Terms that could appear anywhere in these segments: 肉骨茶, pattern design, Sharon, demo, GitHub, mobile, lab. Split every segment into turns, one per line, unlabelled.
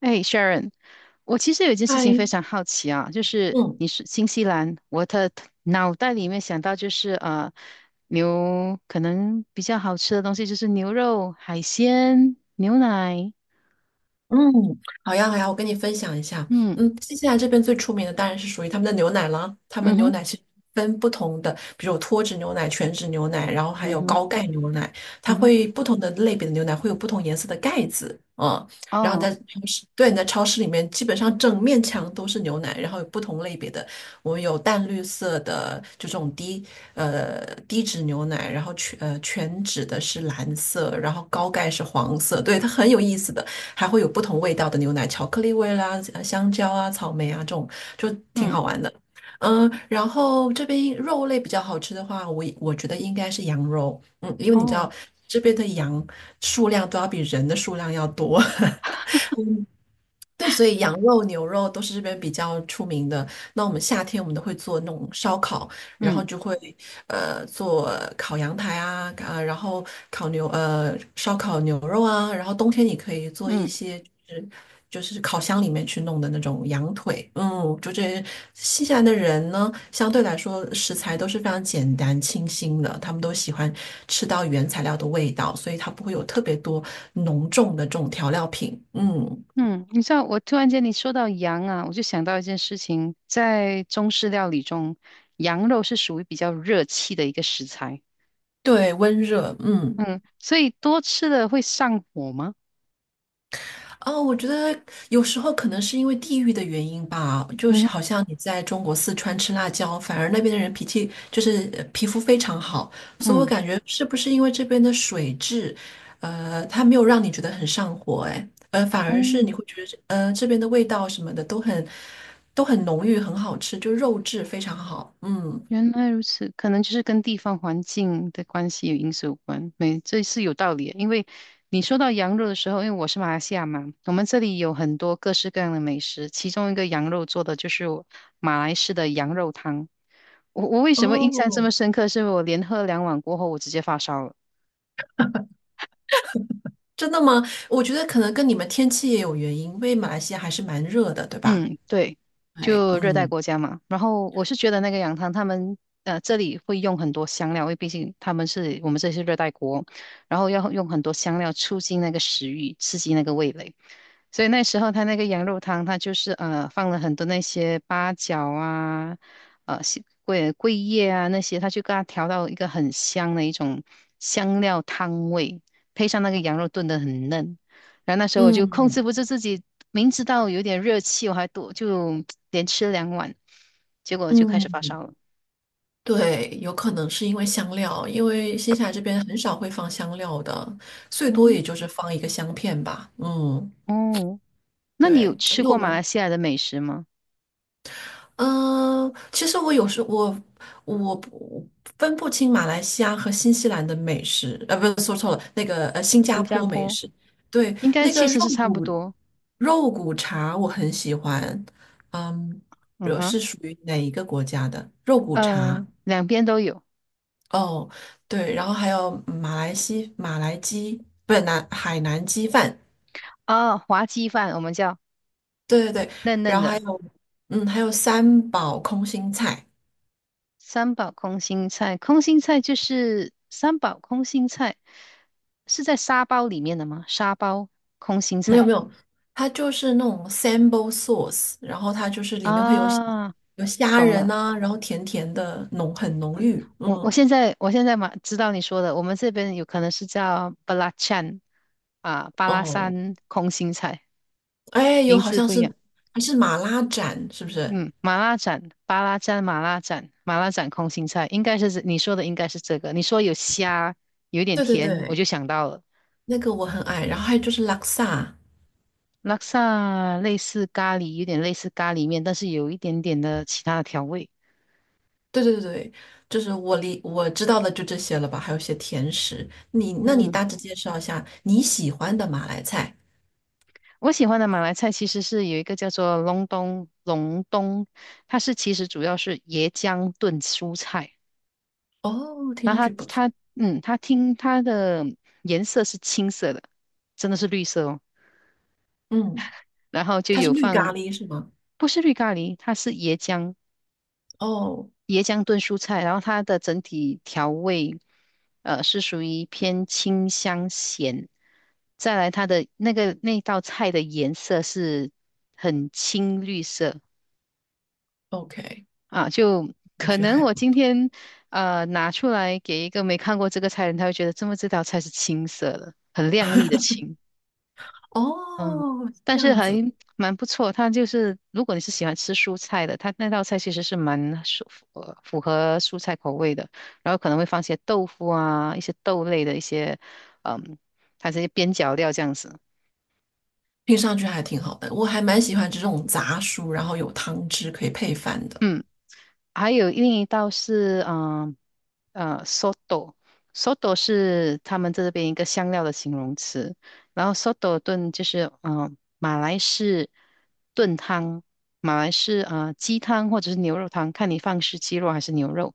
哎，Sharon，我其实有一件事
嗨，
情非常好奇啊，就是
嗯，
你是新西兰，我的脑袋里面想到就是牛可能比较好吃的东西就是牛肉、海鲜、牛奶。
嗯，好呀，好呀，我跟你分享一下。
嗯。
嗯，新西兰这边最出名的当然是属于他们的牛奶了。他们
嗯
牛
哼。
奶是分不同的，比如有脱脂牛奶、全脂牛奶，然后还
嗯
有
哼。
高钙牛奶，它
嗯哼。
会不同的类别的牛奶会有不同颜色的盖子。嗯，然后
哦。
在超市，对，你在超市里面基本上整面墙都是牛奶，然后有不同类别的，我们有淡绿色的就这种低脂牛奶，然后全脂的是蓝色，然后高钙是黄色，对，它很有意思的。还会有不同味道的牛奶，巧克力味啦、香蕉啊、草莓啊这种，就挺
嗯。
好玩的。嗯，然后这边肉类比较好吃的话，我觉得应该是羊肉，嗯，因为你知
哦。
道这边的羊数量都要比人的数量要多。对，所以羊肉、牛肉都是这边比较出名的。那我们夏天我们都会做那种烧烤，然后
嗯
就会做烤羊排啊，啊，然后烧烤牛肉啊，然后冬天你可以做一
嗯。
些就是就是烤箱里面去弄的那种羊腿。嗯，新西兰的人呢，相对来说食材都是非常简单清新的，他们都喜欢吃到原材料的味道，所以它不会有特别多浓重的这种调料品。嗯。
嗯，你知道我突然间你说到羊啊，我就想到一件事情，在中式料理中，羊肉是属于比较热气的一个食材。
对，温热，嗯，
嗯，所以多吃了会上火吗？
哦，我觉得有时候可能是因为地域的原因吧，就是
嗯。
好像你在中国四川吃辣椒，反而那边的人脾气就是皮肤非常好，所以我
嗯。
感觉是不是因为这边的水质，它没有让你觉得很上火，哎，反而是
哦，
你会觉得，这边的味道什么的都很浓郁，很好吃，就肉质非常好，嗯，
原来如此，可能就是跟地方环境的关系有因素有关。没，这是有道理的，因为你说到羊肉的时候，因为我是马来西亚嘛，我们这里有很多各式各样的美食，其中一个羊肉做的就是马来式的羊肉汤。我为什么印象这么
哦，
深刻？是因为我连喝两碗过后，我直接发烧了。
真的吗？我觉得可能跟你们天气也有原因，因为马来西亚还是蛮热的，对吧？
嗯，对，
哎，
就热带
嗯
国家嘛。然后我是觉得那个羊汤，这里会用很多香料，因为毕竟他们是我们这里是热带国，然后要用很多香料促进那个食欲，刺激那个味蕾。所以那时候他那个羊肉汤，他就是放了很多那些八角啊，西桂桂叶啊那些，他就给它调到一个很香的一种香料汤味，配上那个羊肉炖得很嫩。然后那时候我就控制
嗯
不住自己，明知道有点热气，我还多就连吃两碗，结果就开始
嗯，
发烧了。
对，有可能是因为香料，因为新西兰这边很少会放香料的，最多
嗯，
也就是放一个香片吧。嗯，
哦，那你有
对，因
吃
为我
过马来
们，
西亚的美食吗？
嗯、其实我有时我我不分不清马来西亚和新西兰的美食，不是说错了，那个新加
新加
坡美
坡
食，对，
应该
那
其
个肉
实是差不
骨
多。
肉骨茶我很喜欢，嗯，
嗯
我
哼。
是属于哪一个国家的肉骨茶？
两边都有。
哦，对，然后还有马来鸡，不是南海南鸡饭，
哦，滑鸡饭我们叫
对对对，
嫩嫩
然后还
的。
有嗯，还有三宝空心菜，
三宝空心菜，空心菜就是三宝空心菜，是在沙包里面的吗？沙包空心
没有
菜
没有，它就是那种 sambal sauce，然后它就是里面会有虾
啊，
有虾
懂
仁
了。
啊，然后甜甜的浓很浓郁，
我我
嗯
现在我现在嘛知道你说的，我们这边有可能是叫巴拉찬啊，巴拉
哦，
山空心菜，
哎，有
名
好
字
像
不一
是
样。
还是马拉盏是不是？
嗯，马拉盏巴拉蘸、马拉盏空心菜，应该是这你说的，应该是这个。你说有虾，有一点
对对
甜，我就
对，
想到了。
那个我很爱，然后还有就是拉萨。
拉萨类似咖喱，有点类似咖喱面，但是有一点点的其他的调味。
对对对，对，就是我知道的就这些了吧，还有一些甜食。那你
嗯，
大致介绍一下你喜欢的马来菜。
我喜欢的马来菜其实是有一个叫做隆冬，它是其实主要是椰浆炖蔬菜，
哦，听
然
上
后它
去不错。
它嗯，它听它的颜色是青色的，真的是绿色哦，
嗯，
然后就
它是
有
绿咖
放，
喱是吗？
不是绿咖喱，它是椰浆，
哦
椰浆炖蔬菜，然后它的整体调味，是属于偏清香咸。再来，它的那个那道菜的颜色是很青绿色
，OK，
啊，就
我
可
觉得
能
还
我
不
今天拿出来给一个没看过这个菜的人，他会觉得这么这道菜是青色的，很亮丽的青。嗯，
哦，
但
这
是
样
还
子
蛮不错。它就是如果你是喜欢吃蔬菜的，它那道菜其实是蛮符合蔬菜口味的。然后可能会放些豆腐啊，一些豆类的一些，嗯，它这些边角料这样子。
听上去还挺好的。我还蛮喜欢这种杂蔬，然后有汤汁可以配饭的。
嗯，还有另一道是嗯，soto，soto 是他们这边一个香料的形容词，然后 soto 炖就是嗯、马来式炖汤，马来式鸡汤或者是牛肉汤，看你放是鸡肉还是牛肉。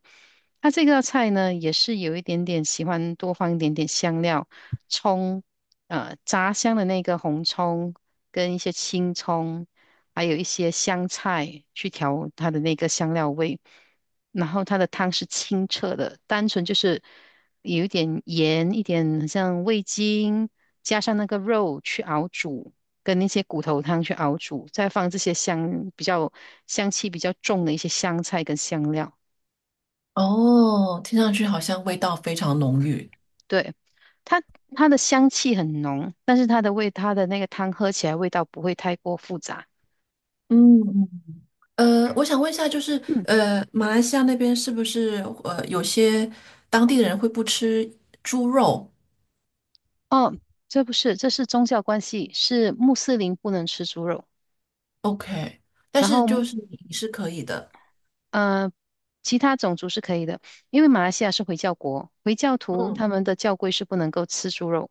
它这道菜呢也是有一点点喜欢多放一点点香料，葱炸香的那个红葱跟一些青葱。还有一些香菜去调它的那个香料味，然后它的汤是清澈的，单纯就是有一点盐，一点很像味精，加上那个肉去熬煮，跟那些骨头汤去熬煮，再放这些香气比较重的一些香菜跟香料，
哦，听上去好像味道非常浓郁。
对。它它的香气很浓，但是它的味，它的那个汤喝起来味道不会太过复杂。
嗯嗯我想问一下，就是
嗯。
马来西亚那边是不是有些当地的人会不吃猪肉
哦，这不是，这是宗教关系，是穆斯林不能吃猪肉。
？OK，但
然
是就
后
是你是可以的。
呃，其他种族是可以的，因为马来西亚是回教国，回教徒
嗯，
他们的教规是不能够吃猪肉，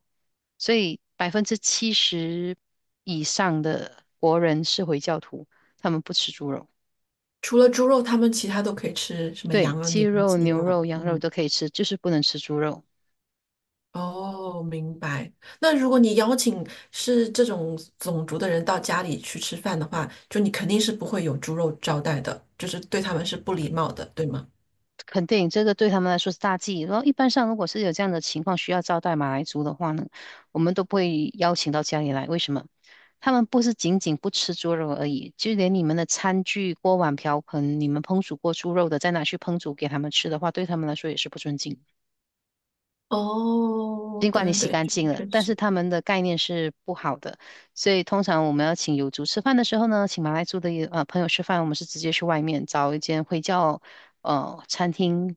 所以70%以上的国人是回教徒，他们不吃猪肉。
除了猪肉，他们其他都可以吃，什么
对，
羊啊、
鸡
牛啊、
肉、
鸡
牛
啊。
肉、羊肉
嗯，
都可以吃，就是不能吃猪肉。
哦，明白。那如果你邀请是这种种族的人到家里去吃饭的话，就你肯定是不会有猪肉招待的，就是对他们是不礼貌的，对吗？
肯定这个对他们来说是大忌。然后一般上，如果是有这样的情况需要招待马来族的话呢，我们都不会邀请到家里来。为什么？他们不是仅仅不吃猪肉而已，就连你们的餐具、锅碗瓢盆，你们烹煮过猪肉的，再拿去烹煮给他们吃的话，对他们来说也是不尊敬。
哦，
尽管你
对
洗
对对，
干
这个
净了，
确
但是
实。
他们的概念是不好的。所以通常我们要请友族吃饭的时候呢，请马来族的也朋友吃饭，我们是直接去外面找一间会叫餐厅。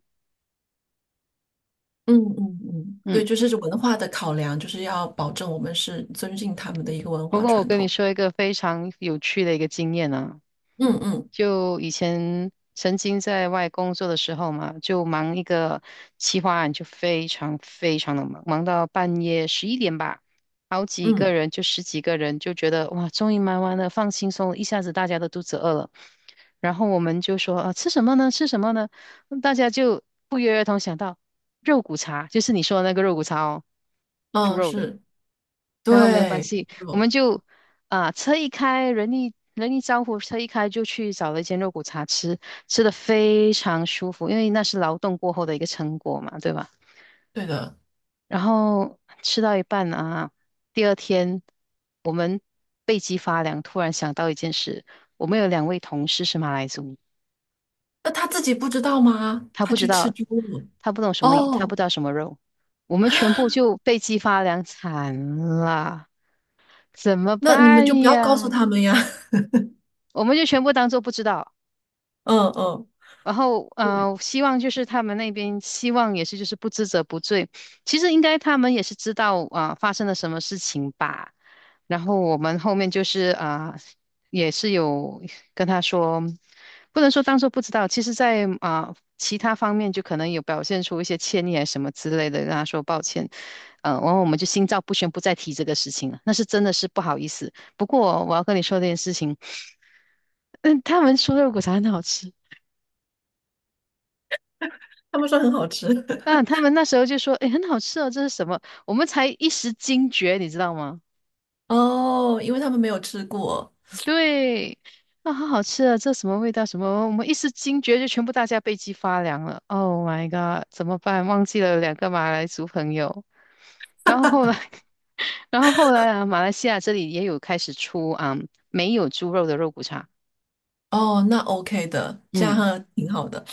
嗯嗯嗯，
嗯。
对，就是文化的考量，就是要保证我们是尊敬他们的一个文
不
化
过我
传
跟你
统。
说一个非常有趣的一个经验啊，
嗯嗯
就以前曾经在外工作的时候嘛，就忙一个企划案，就非常非常的忙，忙到半夜11点吧，好几个
嗯
人就十几个人就觉得哇，终于忙完了，放轻松了一下子大家都肚子饿了，然后我们就说啊，吃什么呢？吃什么呢？大家就不约而同想到肉骨茶，就是你说的那个肉骨茶哦，猪
嗯，
肉的。
是，
然后没有关
对，
系，我们
肉，
就啊、车一开，人一招呼，车一开就去找了一间肉骨茶吃，吃的非常舒服，因为那是劳动过后的一个成果嘛，对吧？
对的。
然后吃到一半啊，第二天我们背脊发凉，突然想到一件事，我们有2位同事是马来族，
那他自己不知道吗？
他
他
不知
去吃
道，
猪肉
他不懂什么，他不
哦，
知道什么肉，我们全部就背脊发凉，惨了，怎么
那你们就
办
不要告诉
呀？
他们呀。
我们就全部当做不知道。
嗯嗯，
然后，希望就是他们那边希望也是就是不知者不罪。其实应该他们也是知道啊、发生了什么事情吧。然后我们后面就是啊、也是有跟他说，不能说当做不知道，其实在啊、其他方面就可能有表现出一些歉意啊什么之类的，跟他说抱歉。然后我们就心照不宣，不再提这个事情了。那是真的是不好意思。不过我要跟你说这件事情，嗯，他们说肉骨茶很好吃。
他们说很好吃。
啊，他们那时候就说：“哎，很好吃哦，这是什么？”我们才一时惊觉，你知道吗？
哦，因为他们没有吃过。
对，啊，好好吃啊，这什么味道？什么？我们一时惊觉，就全部大家背脊发凉了。Oh my god，怎么办？忘记了2个马来族朋友。然后后来，然后后来啊，马来西亚这里也有开始出啊，没有猪肉的肉骨茶。
哦，那 OK 的，这
嗯。
样挺好的。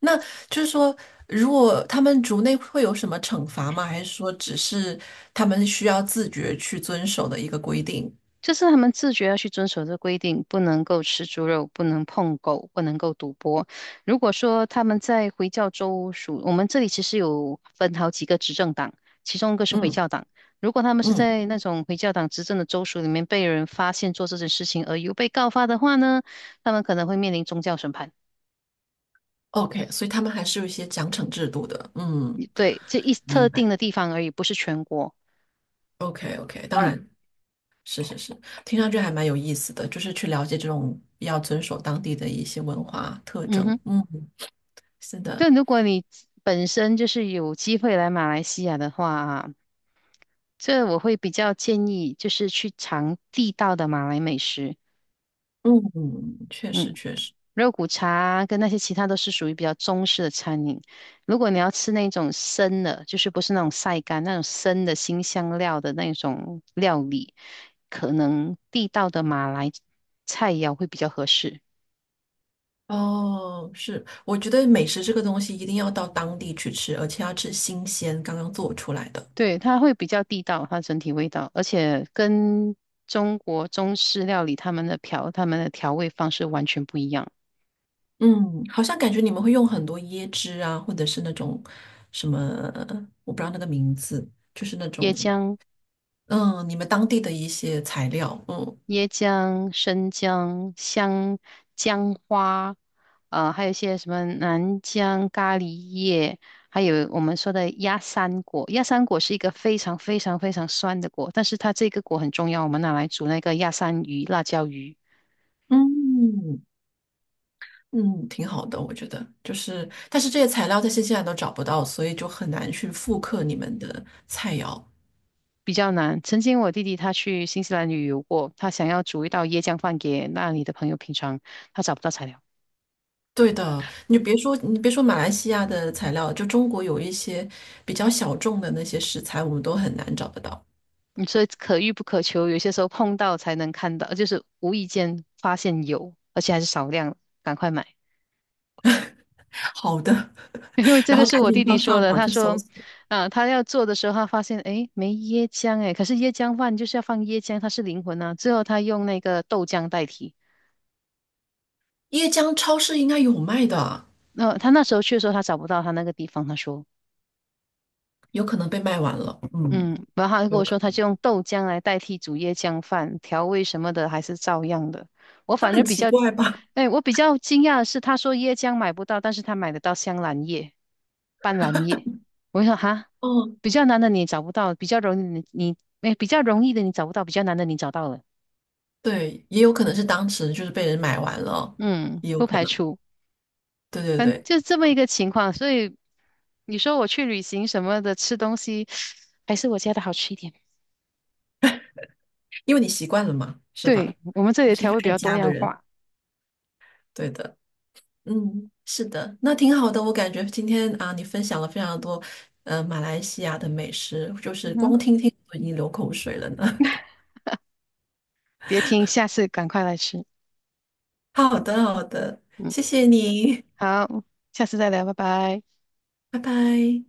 那就是说，如果他们族内会有什么惩罚吗？还是说只是他们需要自觉去遵守的一个规定？
就是他们自觉要去遵守这规定，不能够吃猪肉，不能碰狗，不能够赌博。如果说他们在回教州属，我们这里其实有分好几个执政党，其中一个是回
嗯
教党。如果他们是
嗯
在那种回教党执政的州属里面被人发现做这件事情而又被告发的话呢，他们可能会面临宗教审判。
，OK，所以他们还是有一些奖惩制度的。嗯，
对，这一特
明白。
定的地方而已，不是全国。
OK OK，当
嗯。
然是是是，听上去还蛮有意思的，就是去了解这种要遵守当地的一些文化特
嗯哼。
征。嗯，是的，
但如果你本身就是有机会来马来西亚的话，这我会比较建议就是去尝地道的马来美食。
嗯，确实
嗯，
确实。
肉骨茶跟那些其他都是属于比较中式的餐饮。如果你要吃那种生的，就是不是那种晒干那种生的新香料的那种料理，可能地道的马来菜肴会比较合适。
哦，是，我觉得美食这个东西一定要到当地去吃，而且要吃新鲜，刚刚做出来的。
对，它会比较地道，它整体味道，而且跟中国中式料理他们的调味方式完全不一样。
嗯，好像感觉你们会用很多椰汁啊，或者是那种什么，我不知道那个名字，就是那种，
椰浆、
嗯，你们当地的一些材料，嗯
椰浆、生姜、香姜花，还有一些什么南姜咖喱叶，还有我们说的鸭三果。鸭三果是一个非常非常非常酸的果，但是它这个果很重要，我们拿来煮那个鸭三鱼、辣椒鱼。
嗯嗯，挺好的，我觉得。就是，但是这些材料在新西兰都找不到，所以就很难去复刻你们的菜肴。
比较难。曾经我弟弟他去新西兰旅游过，他想要煮一道椰浆饭给那里的朋友品尝，他找不到材料。
对的，你别说，你别说马来西亚的材料，就中国有一些比较小众的那些食材，我们都很难找得到
嗯，所以可遇不可求，有些时候碰到才能看到，就是无意间发现有，而且还是少量，赶快买。
好的。
因为这
然后
个是
赶
我
紧
弟
上
弟说
上
的，
网
他
去搜
说，
索，
啊、他要做的时候，他发现，诶，没椰浆，诶，可是椰浆饭就是要放椰浆，它是灵魂啊。最后他用那个豆浆代替。
椰浆超市应该有卖的，
那、他那时候去的时候，他找不到他那个地方，他说。
有可能被卖完了。嗯，
嗯，然后他就跟
有
我
可
说，他
能，
就用豆浆来代替煮椰浆饭，调味什么的还是照样的。我
那
反正
很
比
奇
较，
怪吧？
哎，我比较惊讶的是，他说椰浆买不到，但是他买得到香兰叶、斑斓叶。我就说哈，
哦，
比较难的你找不到，比较容易的你，你哎，比较容易的你找不到，比较难的你找到了。
对，也有可能是当时就是被人买完了，
嗯，
也有
不
可
排
能。
除，
对对
反正
对，
就这么一个情况。所以你说我去旅行什么的，吃东西还是我家的好吃一点。
因为你习惯了嘛，是吧？
对，我们这里
你
的
是一
调
个
味比
爱
较多
家的
样
人，
化。
对的。嗯，是的，那挺好的。我感觉今天啊，你分享了非常多，马来西亚的美食，就是
嗯哼。
光听听我都已经流口水了呢。
别听，下次赶快来吃。
好的，好的，
嗯，
谢谢你，
好，下次再聊，拜拜。
拜拜。